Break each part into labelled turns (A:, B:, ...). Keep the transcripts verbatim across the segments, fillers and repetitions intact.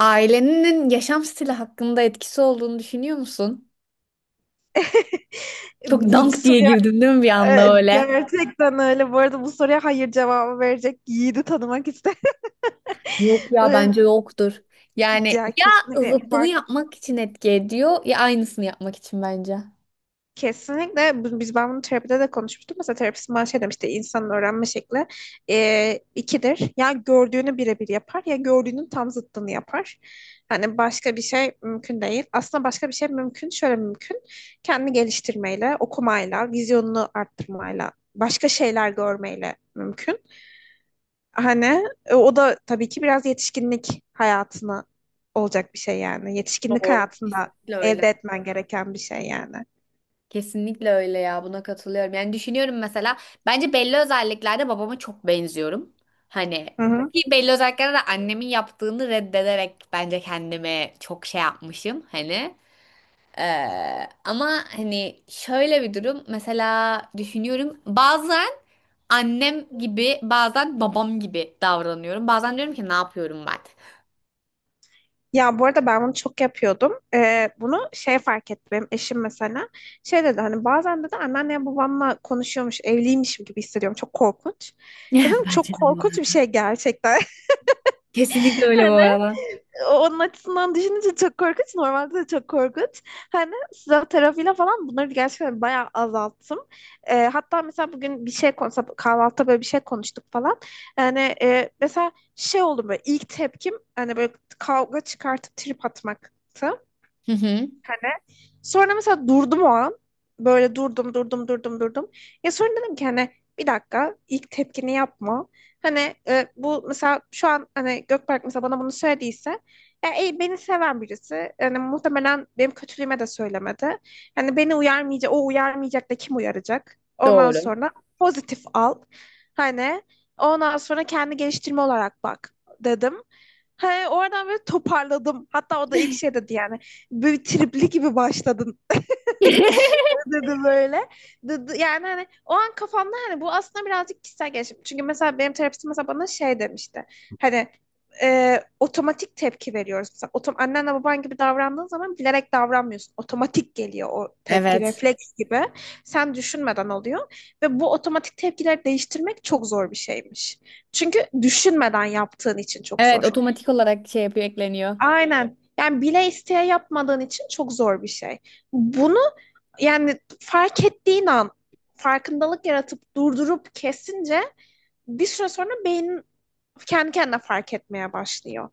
A: Ailenin yaşam stili hakkında etkisi olduğunu düşünüyor musun? Çok
B: Bu
A: dank diye
B: soruya
A: girdim değil mi bir anda
B: e,
A: öyle?
B: gerçekten öyle. Bu arada bu soruya hayır cevabı verecek yiğidi tanımak ister.
A: Yok ya
B: Öyle-
A: bence yoktur. Yani
B: Ya
A: ya
B: kesinlikle
A: zıttını
B: fark.
A: yapmak için etki ediyor ya aynısını yapmak için bence.
B: Kesinlikle bu- biz ben bunu terapide de konuşmuştum. Mesela terapistim bana şey demişti, insanın öğrenme şekli e, ikidir. Ya gördüğünü birebir yapar ya gördüğünün tam zıttını yapar. Hani başka bir şey mümkün değil. Aslında başka bir şey mümkün. Şöyle mümkün. Kendini geliştirmeyle, okumayla, vizyonunu arttırmayla, başka şeyler görmeyle mümkün. Hani e, o da tabii ki biraz yetişkinlik hayatına olacak bir şey yani. Yetişkinlik
A: Doğru.
B: hayatında
A: Kesinlikle öyle.
B: elde etmen gereken bir şey yani.
A: Kesinlikle öyle ya buna katılıyorum. Yani düşünüyorum mesela bence belli özelliklerde babama çok benziyorum. Hani
B: Hı hı.
A: ki belli özelliklerde de annemin yaptığını reddederek bence kendime çok şey yapmışım hani. Ee, ama hani şöyle bir durum mesela düşünüyorum bazen annem gibi bazen babam gibi davranıyorum. Bazen diyorum ki ne yapıyorum ben?
B: Ya bu arada ben bunu çok yapıyordum. Ee, bunu şey fark ettim. Benim eşim mesela şey dedi, hani bazen dedi anneannem babamla konuşuyormuş, evliymişim gibi hissediyorum. Çok korkunç. Dedim çok
A: Bence de bu
B: korkunç
A: arada.
B: bir şey gerçekten.
A: Kesinlikle öyle bu arada.
B: Onun açısından düşününce çok korkunç. Normalde de çok korkunç. Hani silah tarafıyla falan bunları gerçekten bayağı azalttım. Ee, hatta mesela bugün bir şey konuştuk. Kahvaltıda böyle bir şey konuştuk falan. Yani e, mesela şey oldu, böyle ilk tepkim hani böyle kavga çıkartıp trip atmaktı.
A: Hı hı,
B: Hani sonra mesela durdum o an. Böyle durdum, durdum, durdum, durdum. Ya sonra dedim ki hani bir dakika, ilk tepkini yapma. Hani e, bu mesela şu an hani Gökberk mesela bana bunu söylediyse, ya, e, beni seven birisi. Yani muhtemelen benim kötülüğüme de söylemedi. Hani beni uyarmayacak, o uyarmayacak da kim uyaracak? Ondan
A: doğru.
B: sonra pozitif al. Hani ondan sonra kendi geliştirme olarak bak dedim. He, oradan böyle toparladım. Hatta o da ilk şey dedi, yani böyle tripli gibi başladın dedi böyle. Yani hani o an kafamda hani bu aslında birazcık kişisel gelişim. Çünkü mesela benim terapistim mesela bana şey demişti. Hani e, otomatik tepki veriyoruz. Mesela otom annenle baban gibi davrandığın zaman bilerek davranmıyorsun. Otomatik geliyor o tepki,
A: Evet.
B: refleks gibi. Sen düşünmeden oluyor. Ve bu otomatik tepkileri değiştirmek çok zor bir şeymiş. Çünkü düşünmeden yaptığın için çok
A: Evet,
B: zor.
A: otomatik olarak şey yapıyor, ekleniyor.
B: Aynen. Yani bile isteye yapmadığın için çok zor bir şey. Bunu, yani fark ettiğin an farkındalık yaratıp durdurup kesince bir süre sonra beynin kendi kendine fark etmeye başlıyor.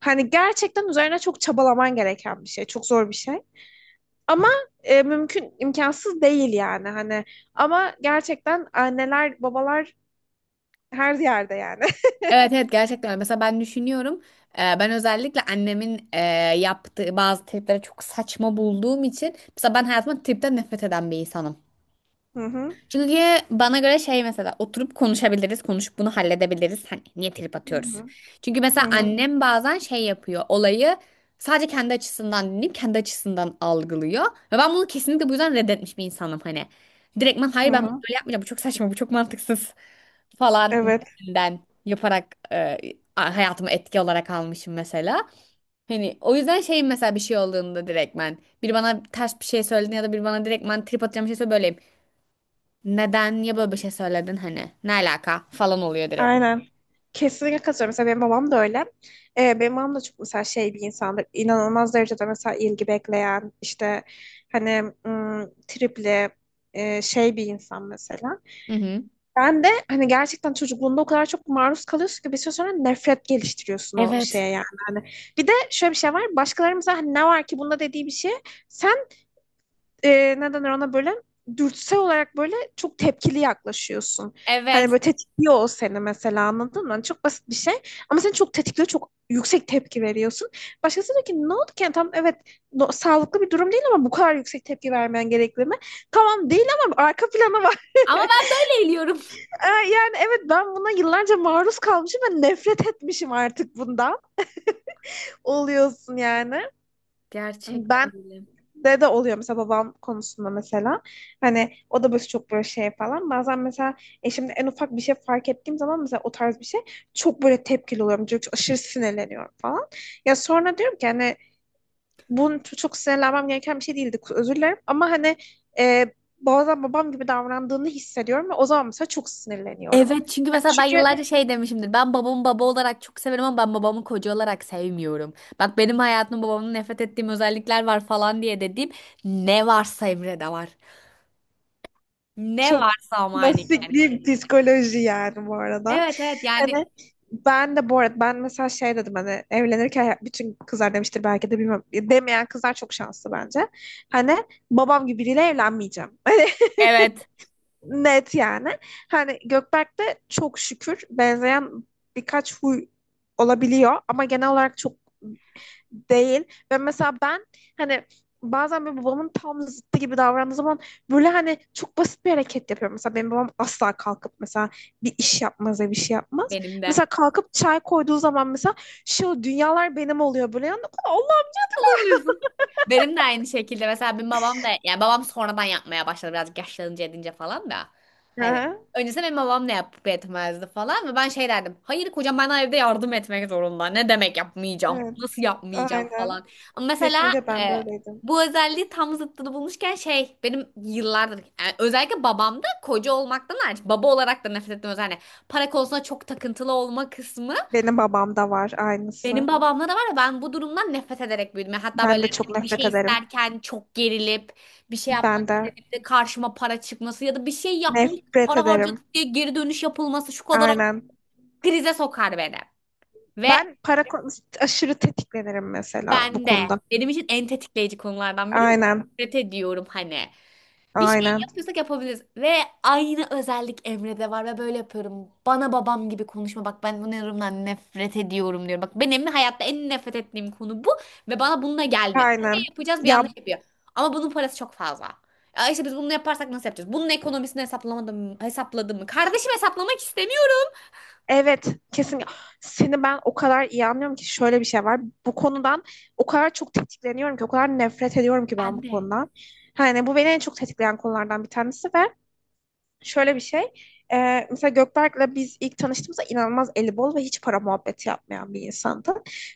B: Hani gerçekten üzerine çok çabalaman gereken bir şey. Çok zor bir şey. Ama e, mümkün, imkansız değil yani. Hani ama gerçekten anneler, babalar her yerde yani.
A: Evet, evet, gerçekten öyle. Mesela ben düşünüyorum, e, ben özellikle annemin e, yaptığı bazı triplere çok saçma bulduğum için mesela ben hayatımda tripten nefret eden bir insanım.
B: Hı hı.
A: Çünkü bana göre şey, mesela oturup konuşabiliriz, konuşup bunu halledebiliriz. Hani niye trip
B: Hı
A: atıyoruz?
B: hı.
A: Çünkü
B: Hı
A: mesela
B: hı.
A: annem bazen şey yapıyor, olayı sadece kendi açısından dinleyip kendi açısından algılıyor. Ve ben bunu kesinlikle bu yüzden reddetmiş bir insanım hani. Direktmen
B: Hı
A: hayır, ben bunu
B: hı.
A: böyle yapmayacağım, bu çok saçma, bu çok mantıksız falan
B: Evet.
A: gibisinden yaparak e, hayatımı etki olarak almışım mesela. Hani o yüzden şey, mesela bir şey olduğunda direktmen biri bana ters bir şey söylediğinde ya da biri bana direktmen trip atacağım bir şey söyle böyleyim. Neden ya böyle bir şey söyledin hani? Ne alaka falan oluyor direkt.
B: Aynen. Kesinlikle katılıyorum. Mesela benim babam da öyle. Ee, benim babam da çok mesela şey bir insandır. İnanılmaz derecede mesela ilgi bekleyen, işte hani ım, tripli e, şey bir insan mesela.
A: Hı hı.
B: Ben de hani gerçekten çocukluğunda o kadar çok maruz kalıyorsun ki bir süre sonra nefret geliştiriyorsun o şeye
A: Evet.
B: yani. Hani bir de şöyle bir şey var. Başkalarımıza hani ne var ki bunda dediği bir şey, sen e, ne denir ona böyle, dürtüsel olarak böyle çok tepkili yaklaşıyorsun.
A: Evet.
B: Hani böyle tetikliyor o seni mesela, anladın mı? Hani çok basit bir şey ama seni çok tetikliyor, çok yüksek tepki veriyorsun. Başkası diyor ki ne oldu ki? Yani tamam, evet no- sağlıklı bir durum değil ama bu kadar yüksek tepki vermen gerekli mi? Tamam değil ama arka planı var.
A: Ama ben böyle eğiliyorum.
B: Ee, yani evet, ben buna yıllarca maruz kalmışım ve nefret etmişim artık bundan. Oluyorsun yani.
A: Gerçekten
B: Ben
A: öyle.
B: de de oluyor mesela, babam konusunda mesela. Hani o da böyle çok böyle şey falan. Bazen mesela eşimde en ufak bir şey fark ettiğim zaman, mesela o tarz bir şey, çok böyle tepkili oluyorum. Çok aşırı sinirleniyorum falan. Ya sonra diyorum ki hani bunun çok sinirlenmem gereken bir şey değildi. Özür dilerim ama hani e, bazen babam gibi davrandığını hissediyorum ve o zaman mesela çok sinirleniyorum.
A: Evet, çünkü
B: Yani
A: mesela ben
B: çünkü
A: yıllarca şey demişimdir. Ben babamı baba olarak çok severim ama ben babamı koca olarak sevmiyorum. Bak, benim hayatımda babamın nefret ettiğim özellikler var falan diye dediğim ne varsa Emre'de var. Ne
B: çok
A: varsa ama hani
B: klasik
A: yani.
B: bir psikoloji yani bu arada.
A: Evet, evet yani,
B: Hani ben de bu arada, ben mesela şey dedim hani, evlenirken bütün kızlar demiştir belki de, bilmiyorum. Demeyen kızlar çok şanslı bence. Hani babam gibi biriyle evlenmeyeceğim. Hani
A: evet,
B: net yani. Hani Gökberk'te çok şükür benzeyen birkaç huy olabiliyor ama genel olarak çok değil. Ve mesela ben hani bazen böyle babamın tam zıttı gibi davrandığı zaman böyle hani çok basit bir hareket yapıyorum. Mesela benim babam asla kalkıp mesela bir iş yapmaz ya bir şey yapmaz.
A: benim de.
B: Mesela kalkıp çay koyduğu zaman mesela şu dünyalar benim oluyor böyle. Yani, Allah.
A: Alıyorsun. Benim de aynı şekilde, mesela benim babam da, yani babam sonradan yapmaya başladı birazcık yaşlanınca edince falan da. Hani
B: Hı,
A: öncesinde benim babam ne yapıp etmezdi falan ve ben şey derdim. Hayır, kocam bana evde yardım etmek zorunda. Ne demek yapmayacağım?
B: evet,
A: Nasıl yapmayacağım
B: aynen.
A: falan. Ama mesela
B: Kesinlikle ben
A: e,
B: de öyleydim.
A: bu özelliği tam zıttını bulmuşken şey, benim yıllardır yani özellikle babamda koca olmaktan hariç baba olarak da nefret ettiğim özelliği, para konusunda çok takıntılı olma kısmı
B: Benim babam da var
A: benim
B: aynısı.
A: babamla da var ya, ben bu durumdan nefret ederek büyüdüm. Yani hatta böyle
B: Ben de
A: hani
B: çok
A: bir
B: nefret
A: şey
B: ederim.
A: isterken çok gerilip bir şey yapmak
B: Ben de
A: istediğimde karşıma para çıkması ya da bir şey yapmış
B: nefret
A: para
B: ederim.
A: harcadık diye geri dönüş yapılması şu kadar
B: Aynen.
A: krize sokar beni. Ve
B: Ben para konusunda aşırı tetiklenirim mesela bu
A: ben de
B: konuda.
A: benim için en tetikleyici konulardan biri,
B: Aynen.
A: nefret ediyorum hani. Bir şey
B: Aynen.
A: yapıyorsak yapabiliriz. Ve aynı özellik Emre'de var ve böyle yapıyorum. Bana babam gibi konuşma. Bak, ben bu yorumdan nefret ediyorum diyor. Bak, benim hayatta en nefret ettiğim konu bu. Ve bana bununla gelme. Bir şey
B: Aynen.
A: yapacağız, bir
B: Ya
A: yanlış yapıyor. Ama bunun parası çok fazla. Ya işte biz bunu yaparsak nasıl yapacağız? Bunun ekonomisini hesaplamadım mı? Hesapladım mı? Kardeşim, hesaplamak istemiyorum.
B: evet, kesin. Seni ben o kadar iyi anlıyorum ki, şöyle bir şey var. Bu konudan o kadar çok tetikleniyorum ki, o kadar nefret ediyorum ki ben
A: Ben
B: bu
A: de.
B: konudan. Yani bu beni en çok tetikleyen konulardan bir tanesi ve şöyle bir şey. Ee, mesela Gökberk'le biz ilk tanıştığımızda inanılmaz eli bol ve hiç para muhabbeti yapmayan bir insandı.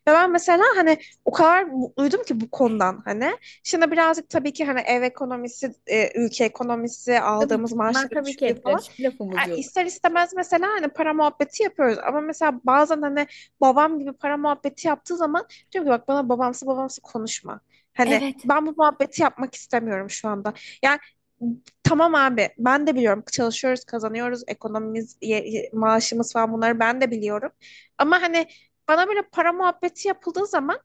B: Ve ben mesela hani o kadar mutluydum ki bu konudan hani. Şimdi birazcık tabii ki hani ev ekonomisi, e, ülke ekonomisi,
A: Tabii
B: aldığımız
A: ki. Bunlar
B: maaşların
A: tabii ki
B: düşüklüğü
A: etkiler.
B: falan.
A: Hiçbir lafımız
B: Yani
A: yok.
B: ister istemez mesela hani para muhabbeti yapıyoruz ama mesela bazen hani babam gibi para muhabbeti yaptığı zaman diyorum ki bak, bana babamsı babamsı konuşma. Hani
A: Evet.
B: ben bu muhabbeti yapmak istemiyorum şu anda. Yani tamam abi, ben de biliyorum çalışıyoruz, kazanıyoruz, ekonomimiz ye- ye- maaşımız falan, bunları ben de biliyorum. Ama hani bana böyle para muhabbeti yapıldığı zaman,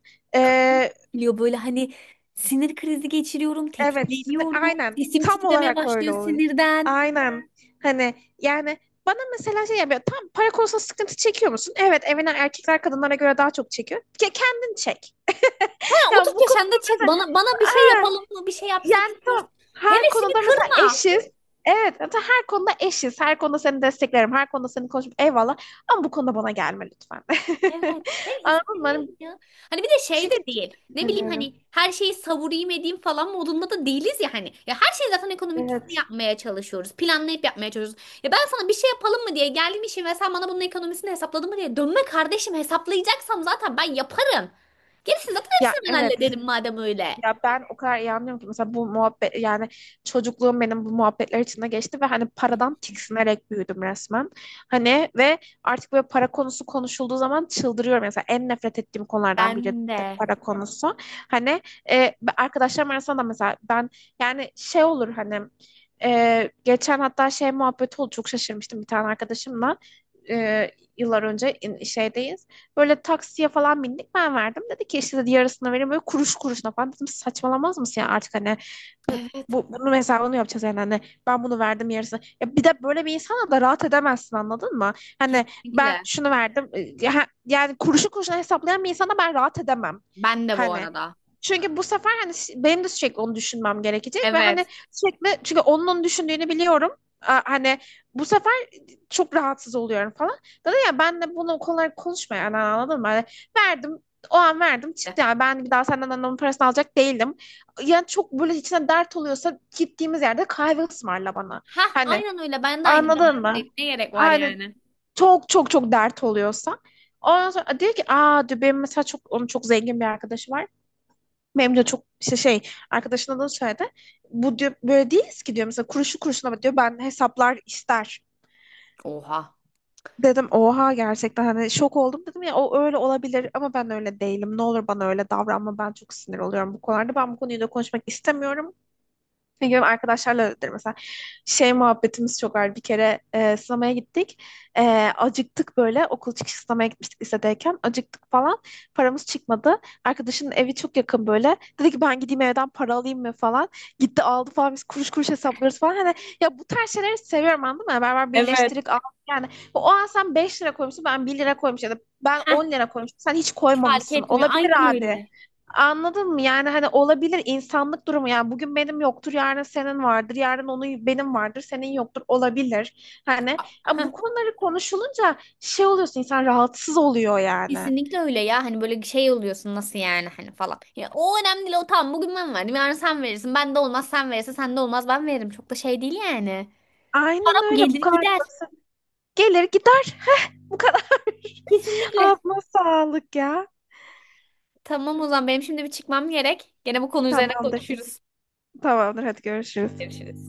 A: Biliyor, böyle hani sinir krizi geçiriyorum,
B: evet, sinir-
A: tetikleniyorum,
B: aynen.
A: sesim
B: Tam
A: titremeye
B: olarak öyle
A: başlıyor
B: oluyor.
A: sinirden.
B: Aynen. Hani yani bana mesela şey yapıyor. Tam para konusunda sıkıntı çekiyor musun? Evet, evine erkekler kadınlara göre daha çok çekiyor. Ke kendin çek.
A: Ya
B: Ya
A: otuz
B: bu konuda
A: yaşında çek
B: mesela,
A: bana bana bir şey
B: aa,
A: yapalım mı? Bir şey yapsak
B: yani
A: istiyoruz.
B: tam her
A: Hevesini
B: konuda mesela
A: kırma.
B: eşiz. Evet, hatta her konuda eşiz. Her konuda seni desteklerim. Her konuda seni konuşup eyvallah. Ama bu konuda bana gelme lütfen.
A: Evet, ben
B: Anladın mı? Hani
A: istiyorum ya. Hani bir de şey de
B: çünkü çok
A: değil. Ne bileyim hani
B: sinirleniyorum.
A: her şeyi savurayım edeyim falan modunda da değiliz ya hani. Ya her şeyi zaten ekonomikisini
B: Evet.
A: yapmaya çalışıyoruz. Planlayıp yapmaya çalışıyoruz. Ya ben sana bir şey yapalım mı diye geldim işim ve sen bana bunun ekonomisini hesapladın mı diye. Dönme kardeşim, hesaplayacaksam zaten ben yaparım. Gerisini zaten hepsini
B: Ya
A: ben
B: evet.
A: hallederim madem öyle.
B: Ya ben o kadar iyi anlıyorum ki mesela bu muhabbet, yani çocukluğum benim bu muhabbetler içinde geçti ve hani paradan tiksinerek büyüdüm resmen. Hani ve artık böyle para konusu konuşulduğu zaman çıldırıyorum. Mesela en nefret ettiğim konulardan biri
A: Ben
B: de
A: de.
B: para konusu. Hani e, ben- arkadaşlarım arasında da mesela ben yani şey olur hani, e, geçen hatta şey muhabbeti oldu, çok şaşırmıştım bir tane arkadaşımla. E, Yıllar önce in- şeydeyiz. Böyle taksiye falan bindik, ben verdim. Dedi ki işte, dedi, yarısını verin böyle kuruş kuruşuna falan. Dedim saçmalamaz mısın ya artık, hani
A: Evet,
B: bu, bunun hesabını yapacağız yani hani, ben bunu verdim yarısını. Ya bir de böyle bir insana da rahat edemezsin, anladın mı? Hani ben
A: kesinlikle.
B: şunu verdim e, ha- yani, kuruşu kuruşuna hesaplayan bir insana ben rahat edemem.
A: Ben de bu
B: Hani
A: arada.
B: çünkü bu sefer hani ş- benim de sürekli onu düşünmem gerekecek ve hani
A: Evet.
B: sürekli, çünkü onun onu düşündüğünü biliyorum. A- Hani bu sefer çok rahatsız oluyorum falan. Dedi, ya ben de bunu kolay konuşma yani, anladın mı? Yani verdim, o an verdim, çıktı, yani ben bir daha senden annemin parasını alacak değilim. Yani çok böyle içine dert oluyorsa gittiğimiz yerde kahve ısmarla bana.
A: Hah,
B: Hani,
A: aynen öyle. Ben de aynı
B: anladın mı?
A: mantıktayım. Ne gerek var
B: Hani
A: yani?
B: çok çok çok dert oluyorsa. Ondan sonra diyor ki, aa, diyor, benim mesela çok, onun çok zengin bir arkadaşı var. Benim de çok işte şey, arkadaşının adını söyledi. Bu diyor böyle değiliz ki diyor, mesela kuruşu kuruşuna diyor ben hesaplar ister.
A: Oha.
B: Dedim oha, gerçekten hani şok oldum, dedim ya o öyle olabilir ama ben öyle değilim. Ne olur bana öyle davranma, ben çok sinir oluyorum bu konularda. Ben bu konuyu da konuşmak istemiyorum. Ne gibi arkadaşlarla öyledir mesela. Şey muhabbetimiz çok var. Bir kere e, sinemaya gittik. E, Acıktık böyle. Okul çıkışı sinemaya gitmiştik lisedeyken. Acıktık falan. Paramız çıkmadı. Arkadaşın evi çok yakın böyle. Dedi ki ben gideyim evden para alayım mı falan. Gitti aldı falan. Biz kuruş kuruş hesaplıyoruz falan. Hani ya bu tarz şeyleri seviyorum, anladın mı? Beraber
A: Evet.
B: birleştirip al. Yani o an sen beş lira koymuşsun, ben bir lira koymuşum ya da ben
A: Hah,
B: on lira koymuşum. Sen hiç
A: hiç fark
B: koymamışsın.
A: etmiyor.
B: Olabilir
A: Aynen
B: abi.
A: öyle.
B: Anladın mı? Yani hani olabilir, insanlık durumu. Yani bugün benim yoktur, yarın senin vardır, yarın onun, benim vardır, senin yoktur, olabilir. Hani ya
A: Heh,
B: bu konuları konuşulunca şey oluyorsun, insan rahatsız oluyor yani.
A: kesinlikle öyle ya. Hani böyle şey oluyorsun, nasıl yani hani falan. Ya o önemli değil. O tamam, bugün ben verdim. Yarın sen verirsin. Ben de olmaz sen verirsin. Sen de olmaz ben veririm. Çok da şey değil yani. Param
B: Aynen öyle, bu
A: gelir
B: kadar
A: gider.
B: basit. Gelir gider bu kadar.
A: Kesinlikle.
B: Ağzına sağlık ya.
A: Tamam, o zaman benim şimdi bir çıkmam gerek. Gene bu konu üzerine
B: Tamamdır.
A: konuşuruz.
B: Tamamdır, hadi görüşürüz.
A: Görüşürüz.